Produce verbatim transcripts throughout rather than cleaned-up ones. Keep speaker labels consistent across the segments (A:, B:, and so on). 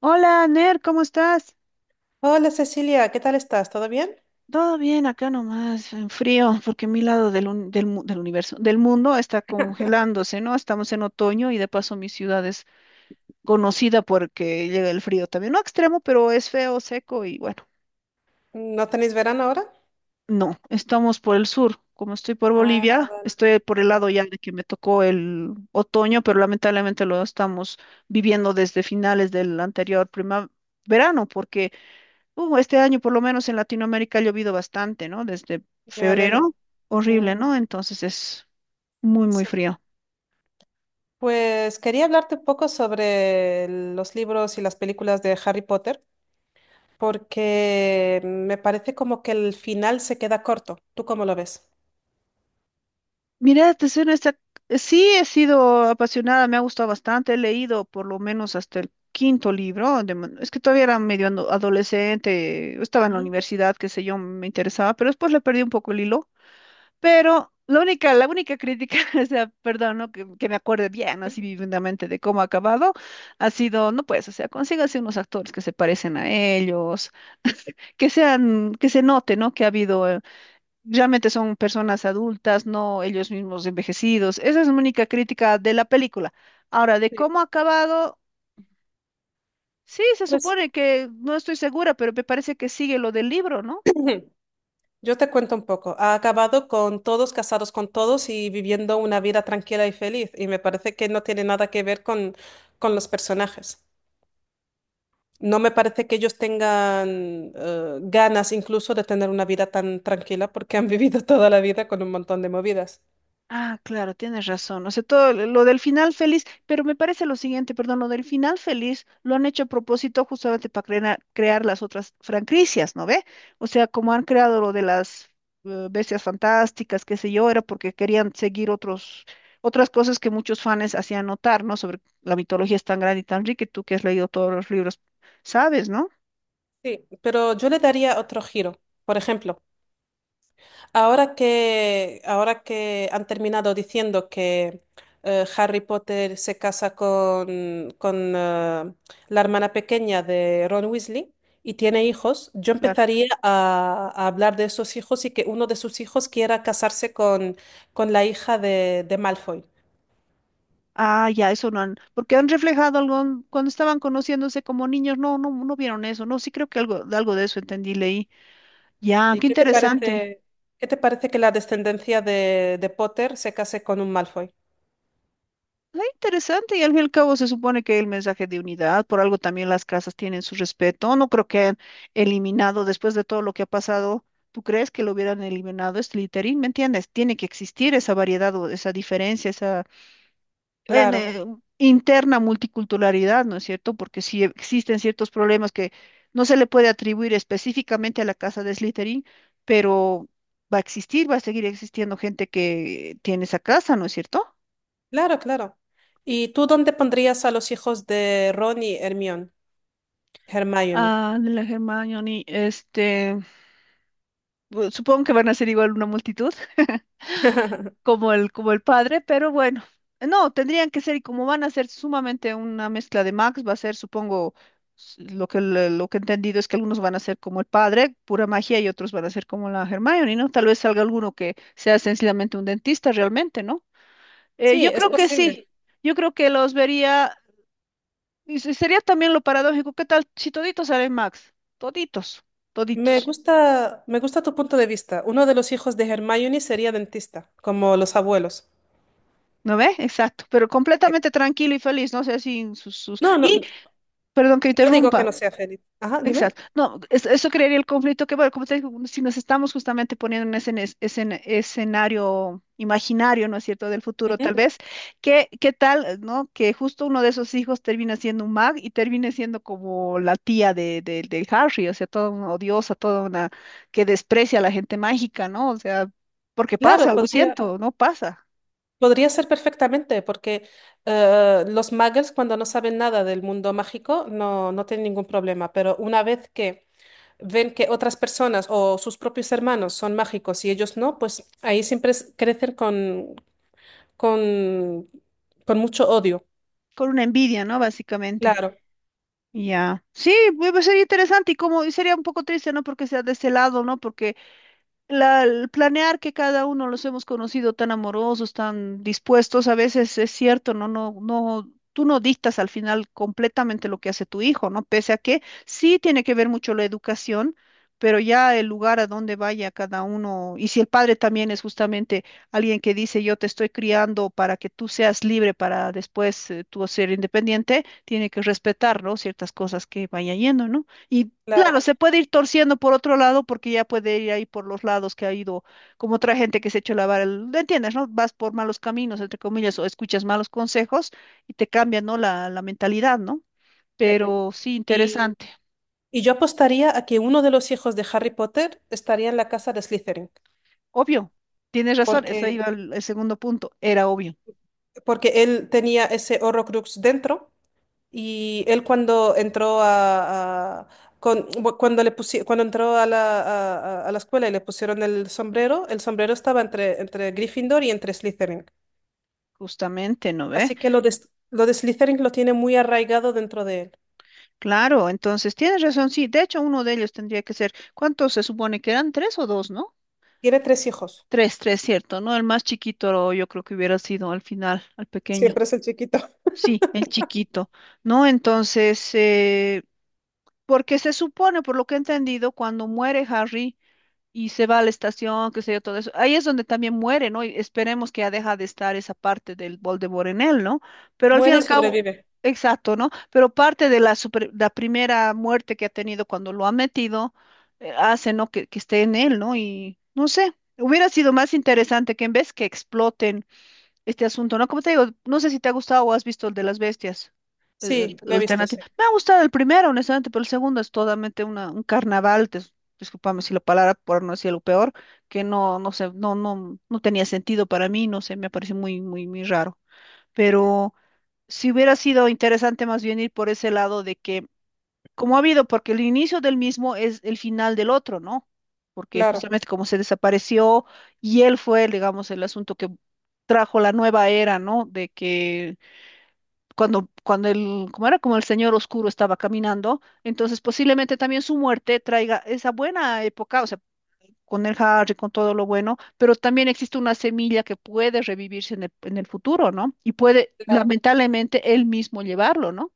A: Hola, Ner, ¿cómo estás?
B: Hola Cecilia, ¿qué tal estás? ¿Todo bien?
A: Todo bien, acá nomás, en frío, porque mi lado del, un- del, mu- del universo, del mundo está congelándose, ¿no? Estamos en otoño y de paso mi ciudad es conocida porque llega el frío también. No extremo, pero es feo, seco y bueno,
B: ¿No tenéis verano ahora?
A: no, estamos por el sur. Como estoy por
B: Ah,
A: Bolivia, estoy por el lado ya de que me tocó el otoño, pero lamentablemente lo estamos viviendo desde finales del anterior primavera, verano, porque Uh, este año, por lo menos en Latinoamérica, ha llovido bastante, ¿no? Desde
B: me
A: febrero,
B: alegro. Mm,
A: horrible, ¿no? Entonces es muy, muy
B: sí.
A: frío.
B: Pues quería hablarte un poco sobre los libros y las películas de Harry Potter, porque me parece como que el final se queda corto. ¿Tú cómo lo ves?
A: Mira, te soy honesta, sí he sido apasionada, me ha gustado bastante, he leído por lo menos hasta el quinto libro, de man- es que todavía era medio ando- adolescente, estaba en la
B: Ujú.
A: universidad, qué sé yo, me interesaba, pero después le perdí un poco el hilo. Pero la única, la única crítica, o sea, perdón, ¿no? Que, que me acuerde bien, así vividamente de cómo ha acabado, ha sido, no pues, o sea, consígase unos actores que se parecen a ellos, que sean, que se note, ¿no? Que ha habido, eh, realmente son personas adultas, no ellos mismos envejecidos. Esa es la única crítica de la película. Ahora, de
B: Sí.
A: cómo ha acabado, sí, se
B: Pues
A: supone que, no estoy segura, pero me parece que sigue lo del libro, ¿no?
B: yo te cuento un poco. Ha acabado con todos casados con todos y viviendo una vida tranquila y feliz, y me parece que no tiene nada que ver con, con los personajes. No me parece que ellos tengan eh, ganas incluso de tener una vida tan tranquila porque han vivido toda la vida con un montón de movidas.
A: Ah, claro, tienes razón. O sea, todo lo lo del final feliz, pero me parece lo siguiente, perdón, lo del final feliz lo han hecho a propósito justamente para crear, crear las otras franquicias, ¿no ve? O sea, como han creado lo de las eh, bestias fantásticas, qué sé yo, era porque querían seguir otros, otras cosas que muchos fans hacían notar, ¿no? Sobre la mitología es tan grande y tan rica, y tú que has leído todos los libros, sabes, ¿no?
B: Sí, pero yo le daría otro giro. Por ejemplo, ahora que, ahora que han terminado diciendo que eh, Harry Potter se casa con, con eh, la hermana pequeña de Ron Weasley y tiene hijos, yo
A: Claro.
B: empezaría a, a hablar de esos hijos y que uno de sus hijos quiera casarse con, con la hija de, de Malfoy.
A: Ah, ya, eso no han, porque han reflejado algo cuando estaban conociéndose como niños, no, no, no vieron eso, no, sí creo que algo, algo de eso entendí, leí. Ya,
B: ¿Y
A: qué
B: qué te
A: interesante.
B: parece, qué te parece que la descendencia de, de Potter se case con un Malfoy?
A: Ah, interesante, y al fin y al cabo se supone que el mensaje de unidad, por algo también las casas tienen su respeto, no creo que hayan eliminado después de todo lo que ha pasado, ¿tú crees que lo hubieran eliminado este littering? ¿Me entiendes? Tiene que existir esa variedad o esa diferencia, en,
B: Claro,
A: eh, interna multiculturalidad, ¿no es cierto? Porque si existen ciertos problemas que no se le puede atribuir específicamente a la casa de Slytherin, pero va a existir, va a seguir existiendo gente que tiene esa casa, ¿no es cierto?
B: claro, claro. ¿Y tú dónde pondrías a los hijos de Ron y Hermione? Hermione.
A: Ah, de la Hermione, este, bu- supongo que van a ser igual una multitud. Como el, como el padre, pero bueno, no, tendrían que ser, y como van a ser sumamente una mezcla de Max, va a ser, supongo, s- lo que, le- lo que he entendido es que algunos van a ser como el padre, pura magia, y otros van a ser como la Hermione, ¿no? Tal vez salga alguno que sea sencillamente un dentista realmente, ¿no? Eh,
B: Sí,
A: yo
B: es
A: creo que
B: posible.
A: sí, yo creo que los vería, y se- sería también lo paradójico, ¿qué tal si toditos salen Max? Toditos,
B: Me
A: toditos.
B: gusta, me gusta tu punto de vista. Uno de los hijos de Hermione sería dentista, como los abuelos.
A: ¿No ve? Exacto, pero
B: Sí.
A: completamente tranquilo y feliz, no sé, sin sus, sus...
B: No, no,
A: Y,
B: no
A: perdón que
B: digo que
A: interrumpa,
B: no sea feliz. Ajá, dime.
A: exacto. No, es- eso crearía el conflicto que, bueno, como te digo, si nos estamos justamente poniendo en ese ene- escena- escenario imaginario, ¿no es cierto?, del futuro, tal
B: Ujú.
A: vez, ¿qué, qué tal, eh, ¿no? Que justo uno de esos hijos termina siendo un mag y termine siendo como la tía de, de, de Harry, o sea, toda una odiosa, toda una que desprecia a la gente mágica, ¿no? O sea, porque
B: Claro,
A: pasa, lo
B: podría.
A: siento, ¿no? Pasa,
B: Podría ser perfectamente, porque eh, los muggles cuando no saben nada del mundo mágico, no, no tienen ningún problema, pero una vez que ven que otras personas o sus propios hermanos son mágicos y ellos no, pues ahí siempre es- crecen con, con, con mucho odio.
A: con una envidia, ¿no? Básicamente.
B: Claro,
A: Ya, sí, pues pues, sería interesante y como y sería un poco triste, ¿no? Porque sea de ese lado, ¿no? Porque la- el planear que cada uno los hemos conocido tan amorosos, tan dispuestos, a veces es cierto, no, no, no, tú no dictas al final completamente lo que hace tu hijo, ¿no? Pese a que sí tiene que ver mucho la educación, pero ya el lugar a donde vaya cada uno, y si el padre también es justamente alguien que dice, yo te estoy criando para que tú seas libre para después eh, tú ser independiente, tiene que respetar, ¿no? Ciertas cosas que vaya yendo, ¿no? Y
B: claro.
A: claro, se puede ir torciendo por otro lado porque ya puede ir ahí por los lados que ha ido, como otra gente que se ha hecho lavar el, ¿entiendes, no? Vas por malos caminos, entre comillas, o escuchas malos consejos y te cambia, ¿no? La, la mentalidad, ¿no?
B: Sí.
A: Pero sí,
B: Y,
A: interesante.
B: y yo apostaría a que uno de los hijos de Harry Potter estaría en la casa de Slytherin,
A: Obvio, tienes razón, eso
B: porque,
A: iba al- el segundo punto, era obvio,
B: porque él tenía ese Horrocrux dentro. Y él cuando entró a, a- con- bu- cuando le pusi- cuando entró a la, a, a- a la escuela y le pusieron el sombrero, el sombrero estaba entre, entre Gryffindor y entre Slytherin.
A: justamente, ¿no ve?
B: Así que lo de, S- lo de Slytherin lo tiene muy arraigado dentro de él.
A: Claro, entonces tienes razón, sí, de hecho uno de ellos tendría que ser, ¿cuántos se supone que eran? ¿Tres o dos, no?
B: Tiene tres hijos.
A: Tres, tres, cierto, ¿no? El más chiquito yo creo que hubiera sido al final, al pequeño.
B: Siempre es el chiquito.
A: Sí, el chiquito, ¿no? Entonces, eh, porque se supone, por lo que he entendido, cuando muere Harry y se va a la estación, qué sé yo, todo eso, ahí es donde también muere, ¿no? Y esperemos que ya deja de estar esa parte del Voldemort en él, ¿no? Pero al fin y
B: Muere y
A: al cabo, ujú,
B: sobrevive.
A: exacto, ¿no? Pero parte de la, super- la primera muerte que ha tenido cuando lo ha metido, eh, hace, ¿no? Que, que esté en él, ¿no? Y no sé, hubiera sido más interesante que en vez que exploten este asunto, ¿no? Como te digo, no sé si te ha gustado o has visto el de las bestias, el, el-
B: Sí,
A: sí, el
B: lo he visto, sí.
A: alternativo. Me ha gustado el primero, honestamente, pero el segundo es totalmente una, un carnaval, dis- discúlpame si la palabra, por no decir lo peor, que no, no sé, no, no, no tenía sentido para mí, no sé, me parece muy, muy, muy raro. Pero si hubiera sido interesante más bien ir por ese lado de que como ha habido, porque el inicio del mismo es el final del otro, ¿no? Porque
B: Claro.
A: justamente como se desapareció y él fue, digamos, el asunto que trajo la nueva era, ¿no? De que cuando, cuando el, como era como el señor oscuro estaba caminando, entonces posiblemente también su muerte traiga esa buena época, o sea, con el Harry, con todo lo bueno, pero también existe una semilla que puede revivirse en el, en el futuro, ¿no? Y puede,
B: Claro.
A: lamentablemente, él mismo llevarlo, ¿no?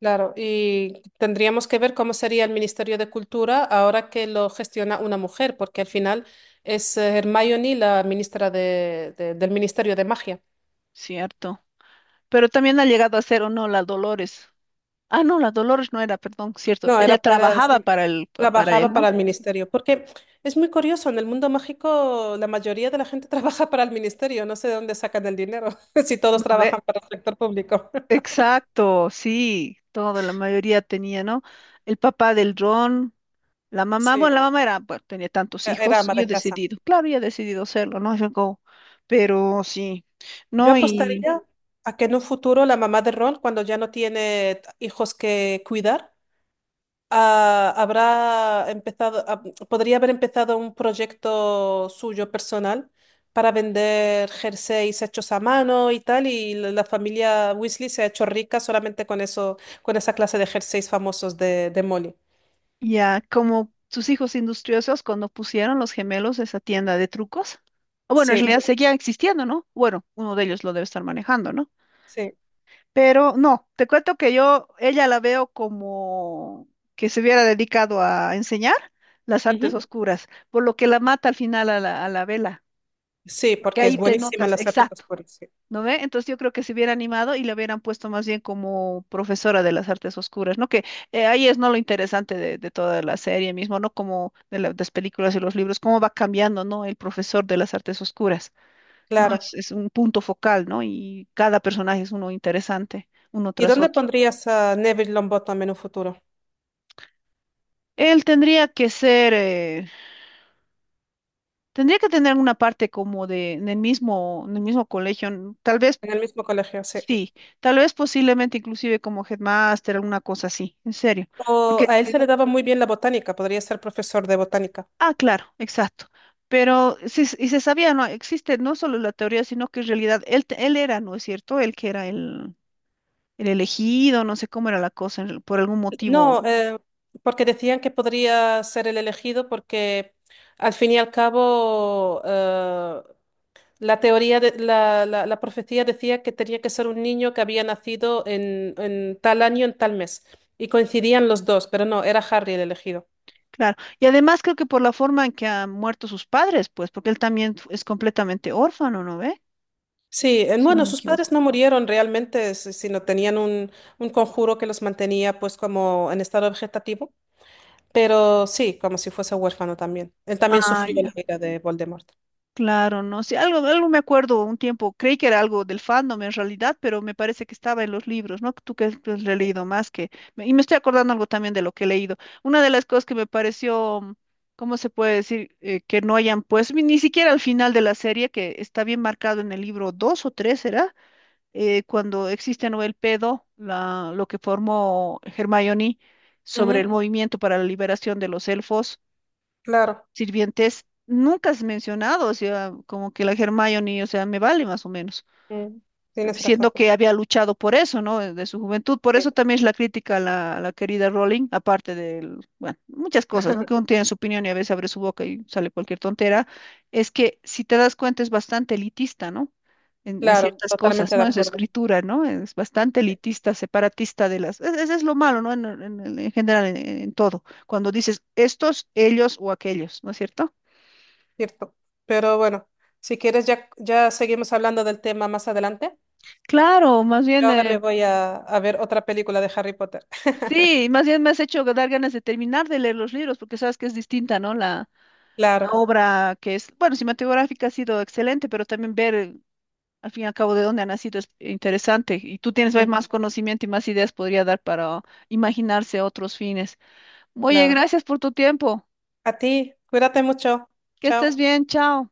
B: Claro, y tendríamos que ver cómo sería el Ministerio de Cultura ahora que lo gestiona una mujer, porque al final es eh, Hermione la ministra de- de- del Ministerio de Magia.
A: Cierto. Pero también ha llegado a ser o no la Dolores. Ah, no, la Dolores no era, perdón, cierto.
B: No,
A: Ella
B: era, era
A: trabajaba
B: sí,
A: para él, pa- para él,
B: trabajaba
A: ¿no?
B: para el
A: Sí.
B: ministerio, porque es muy curioso, en el mundo mágico la mayoría de la gente trabaja para el ministerio, no sé de dónde sacan el dinero, si todos
A: ¿No ve?
B: trabajan para el sector público.
A: Exacto, sí, toda la mayoría tenía, ¿no? El papá del dron, la mamá, bueno,
B: Sí,
A: la mamá era, pues, tenía tantos
B: e- era
A: hijos
B: ama
A: y
B: de
A: ha
B: casa.
A: decidido, claro, y ha decidido hacerlo, ¿no? Yo go, pero sí,
B: Yo
A: ¿no? Y
B: apostaría a que en un futuro la mamá de Ron, cuando ya no tiene t- hijos que cuidar, ah, habrá empezado, ah, podría haber empezado un proyecto suyo personal para vender jerseys hechos a mano y tal, y la la familia Weasley se ha hecho rica solamente con eso, con esa clase de jerseys famosos de, de Molly.
A: ya, como sus hijos industriosos, cuando pusieron los gemelos esa tienda de trucos, o bueno, en
B: Sí,
A: realidad seguía existiendo, ¿no? Bueno, uno de ellos lo debe estar manejando, ¿no?
B: sí.
A: Pero no, te cuento que yo, ella la veo como que se hubiera dedicado a enseñar las artes
B: Ujú.
A: oscuras, por lo que la mata al final a la, a la vela,
B: Sí,
A: porque
B: porque es
A: ahí te
B: buenísima en
A: notas,
B: las artes
A: exacto,
B: oscuras, sí.
A: ¿no ve? Entonces yo creo que se hubiera animado y la hubieran puesto más bien como profesora de las artes oscuras, ¿no? Que eh, ahí es no lo interesante de, de toda la serie mismo, ¿no? Como de la- las películas y los libros, cómo va cambiando, ¿no? El profesor de las artes oscuras, ¿no?
B: Claro.
A: Es, es un punto focal, ¿no? Y cada personaje es uno interesante, uno
B: ¿Y
A: tras
B: dónde
A: otro.
B: pondrías a Neville Longbottom en un futuro?
A: Él tendría que ser, eh, tendría que tener una parte como de, en el mismo, en el mismo colegio, n- tal vez,
B: En el mismo colegio, sí.
A: sí, tal vez posiblemente inclusive como headmaster, alguna cosa así, en serio,
B: O
A: porque,
B: a él se le daba muy bien la botánica, podría ser profesor de botánica.
A: ah, claro, exacto, pero sí, s- y se sabía, no, existe no solo la teoría, sino que en realidad él, te- él era, ¿no es cierto? Él que era el, el elegido, no sé cómo era la cosa, en- por algún motivo.
B: No, eh, porque decían que podría ser el elegido porque al fin y al cabo eh, la teoría de, la, la- la profecía decía que tenía que ser un niño que había nacido en, en tal año, en tal mes. Y coincidían los dos, pero no, era Harry el elegido.
A: Claro, y además creo que por la forma en que han muerto sus padres, pues, porque él también es completamente órfano, ¿no ve?
B: Sí, eh,
A: Si no
B: bueno,
A: me
B: sus padres
A: equivoco.
B: no murieron realmente, si- sino tenían un, un conjuro que los mantenía pues como en estado vegetativo, pero sí, como si fuese huérfano también. Él también
A: Ah,
B: sufrió la
A: ya.
B: ira de Voldemort.
A: Claro, no sé, algo, algo me acuerdo un tiempo, creí que era algo del fandom en realidad, pero me parece que estaba en los libros, ¿no? Tú que has leído más que... me- y me estoy acordando algo también de lo que he leído. Una de las cosas que me pareció, mm, ¿cómo se puede decir? eh, que no hayan, pues, ni ni siquiera al final de la serie, que está bien marcado en el libro dos o tres ¿era? Eh, cuando existe Noel Pedo, la, lo que formó Hermione sobre el
B: Ujú,
A: movimiento para la liberación de los elfos
B: claro.
A: sirvientes nunca has mencionado, o sea, como que la Hermione, o sea, me vale más o menos,
B: Mm,
A: pe-
B: tienes
A: siendo
B: razón,
A: que había luchado por eso, ¿no? De su juventud, por
B: sí,
A: eso también es la crítica a la, a la querida Rowling, aparte del, bueno, muchas cosas, ¿no? Que uno tiene su opinión y a veces abre su boca y sale cualquier tontera, es que si te das cuenta es bastante elitista, ¿no? En, en
B: claro,
A: ciertas
B: totalmente
A: cosas,
B: de
A: ¿no? Es
B: acuerdo,
A: escritura, ¿no? Es bastante
B: sí,
A: elitista, separatista de las... Ese es lo malo, ¿no? En, en- en general, en en todo. Cuando dices estos, ellos o aquellos, ¿no es cierto?
B: cierto. Pero bueno, si quieres ya, ya seguimos hablando del tema más adelante.
A: Claro, más
B: Yo
A: bien,
B: ahora me
A: eh,
B: voy a, a ver otra película de Harry Potter.
A: sí, más bien me has hecho dar ganas de terminar de leer los libros, porque sabes que es distinta, ¿no? La, la
B: Claro,
A: obra que es, bueno, cinematográfica ha sido excelente, pero también ver eh, al fin y al cabo de dónde ha nacido es interesante. Y tú tienes pues,
B: ujú,
A: más conocimiento y más ideas podría dar para imaginarse otros fines. Oye,
B: claro.
A: gracias por tu tiempo.
B: A ti, cuídate mucho.
A: Que
B: Chao.
A: estés bien, chao.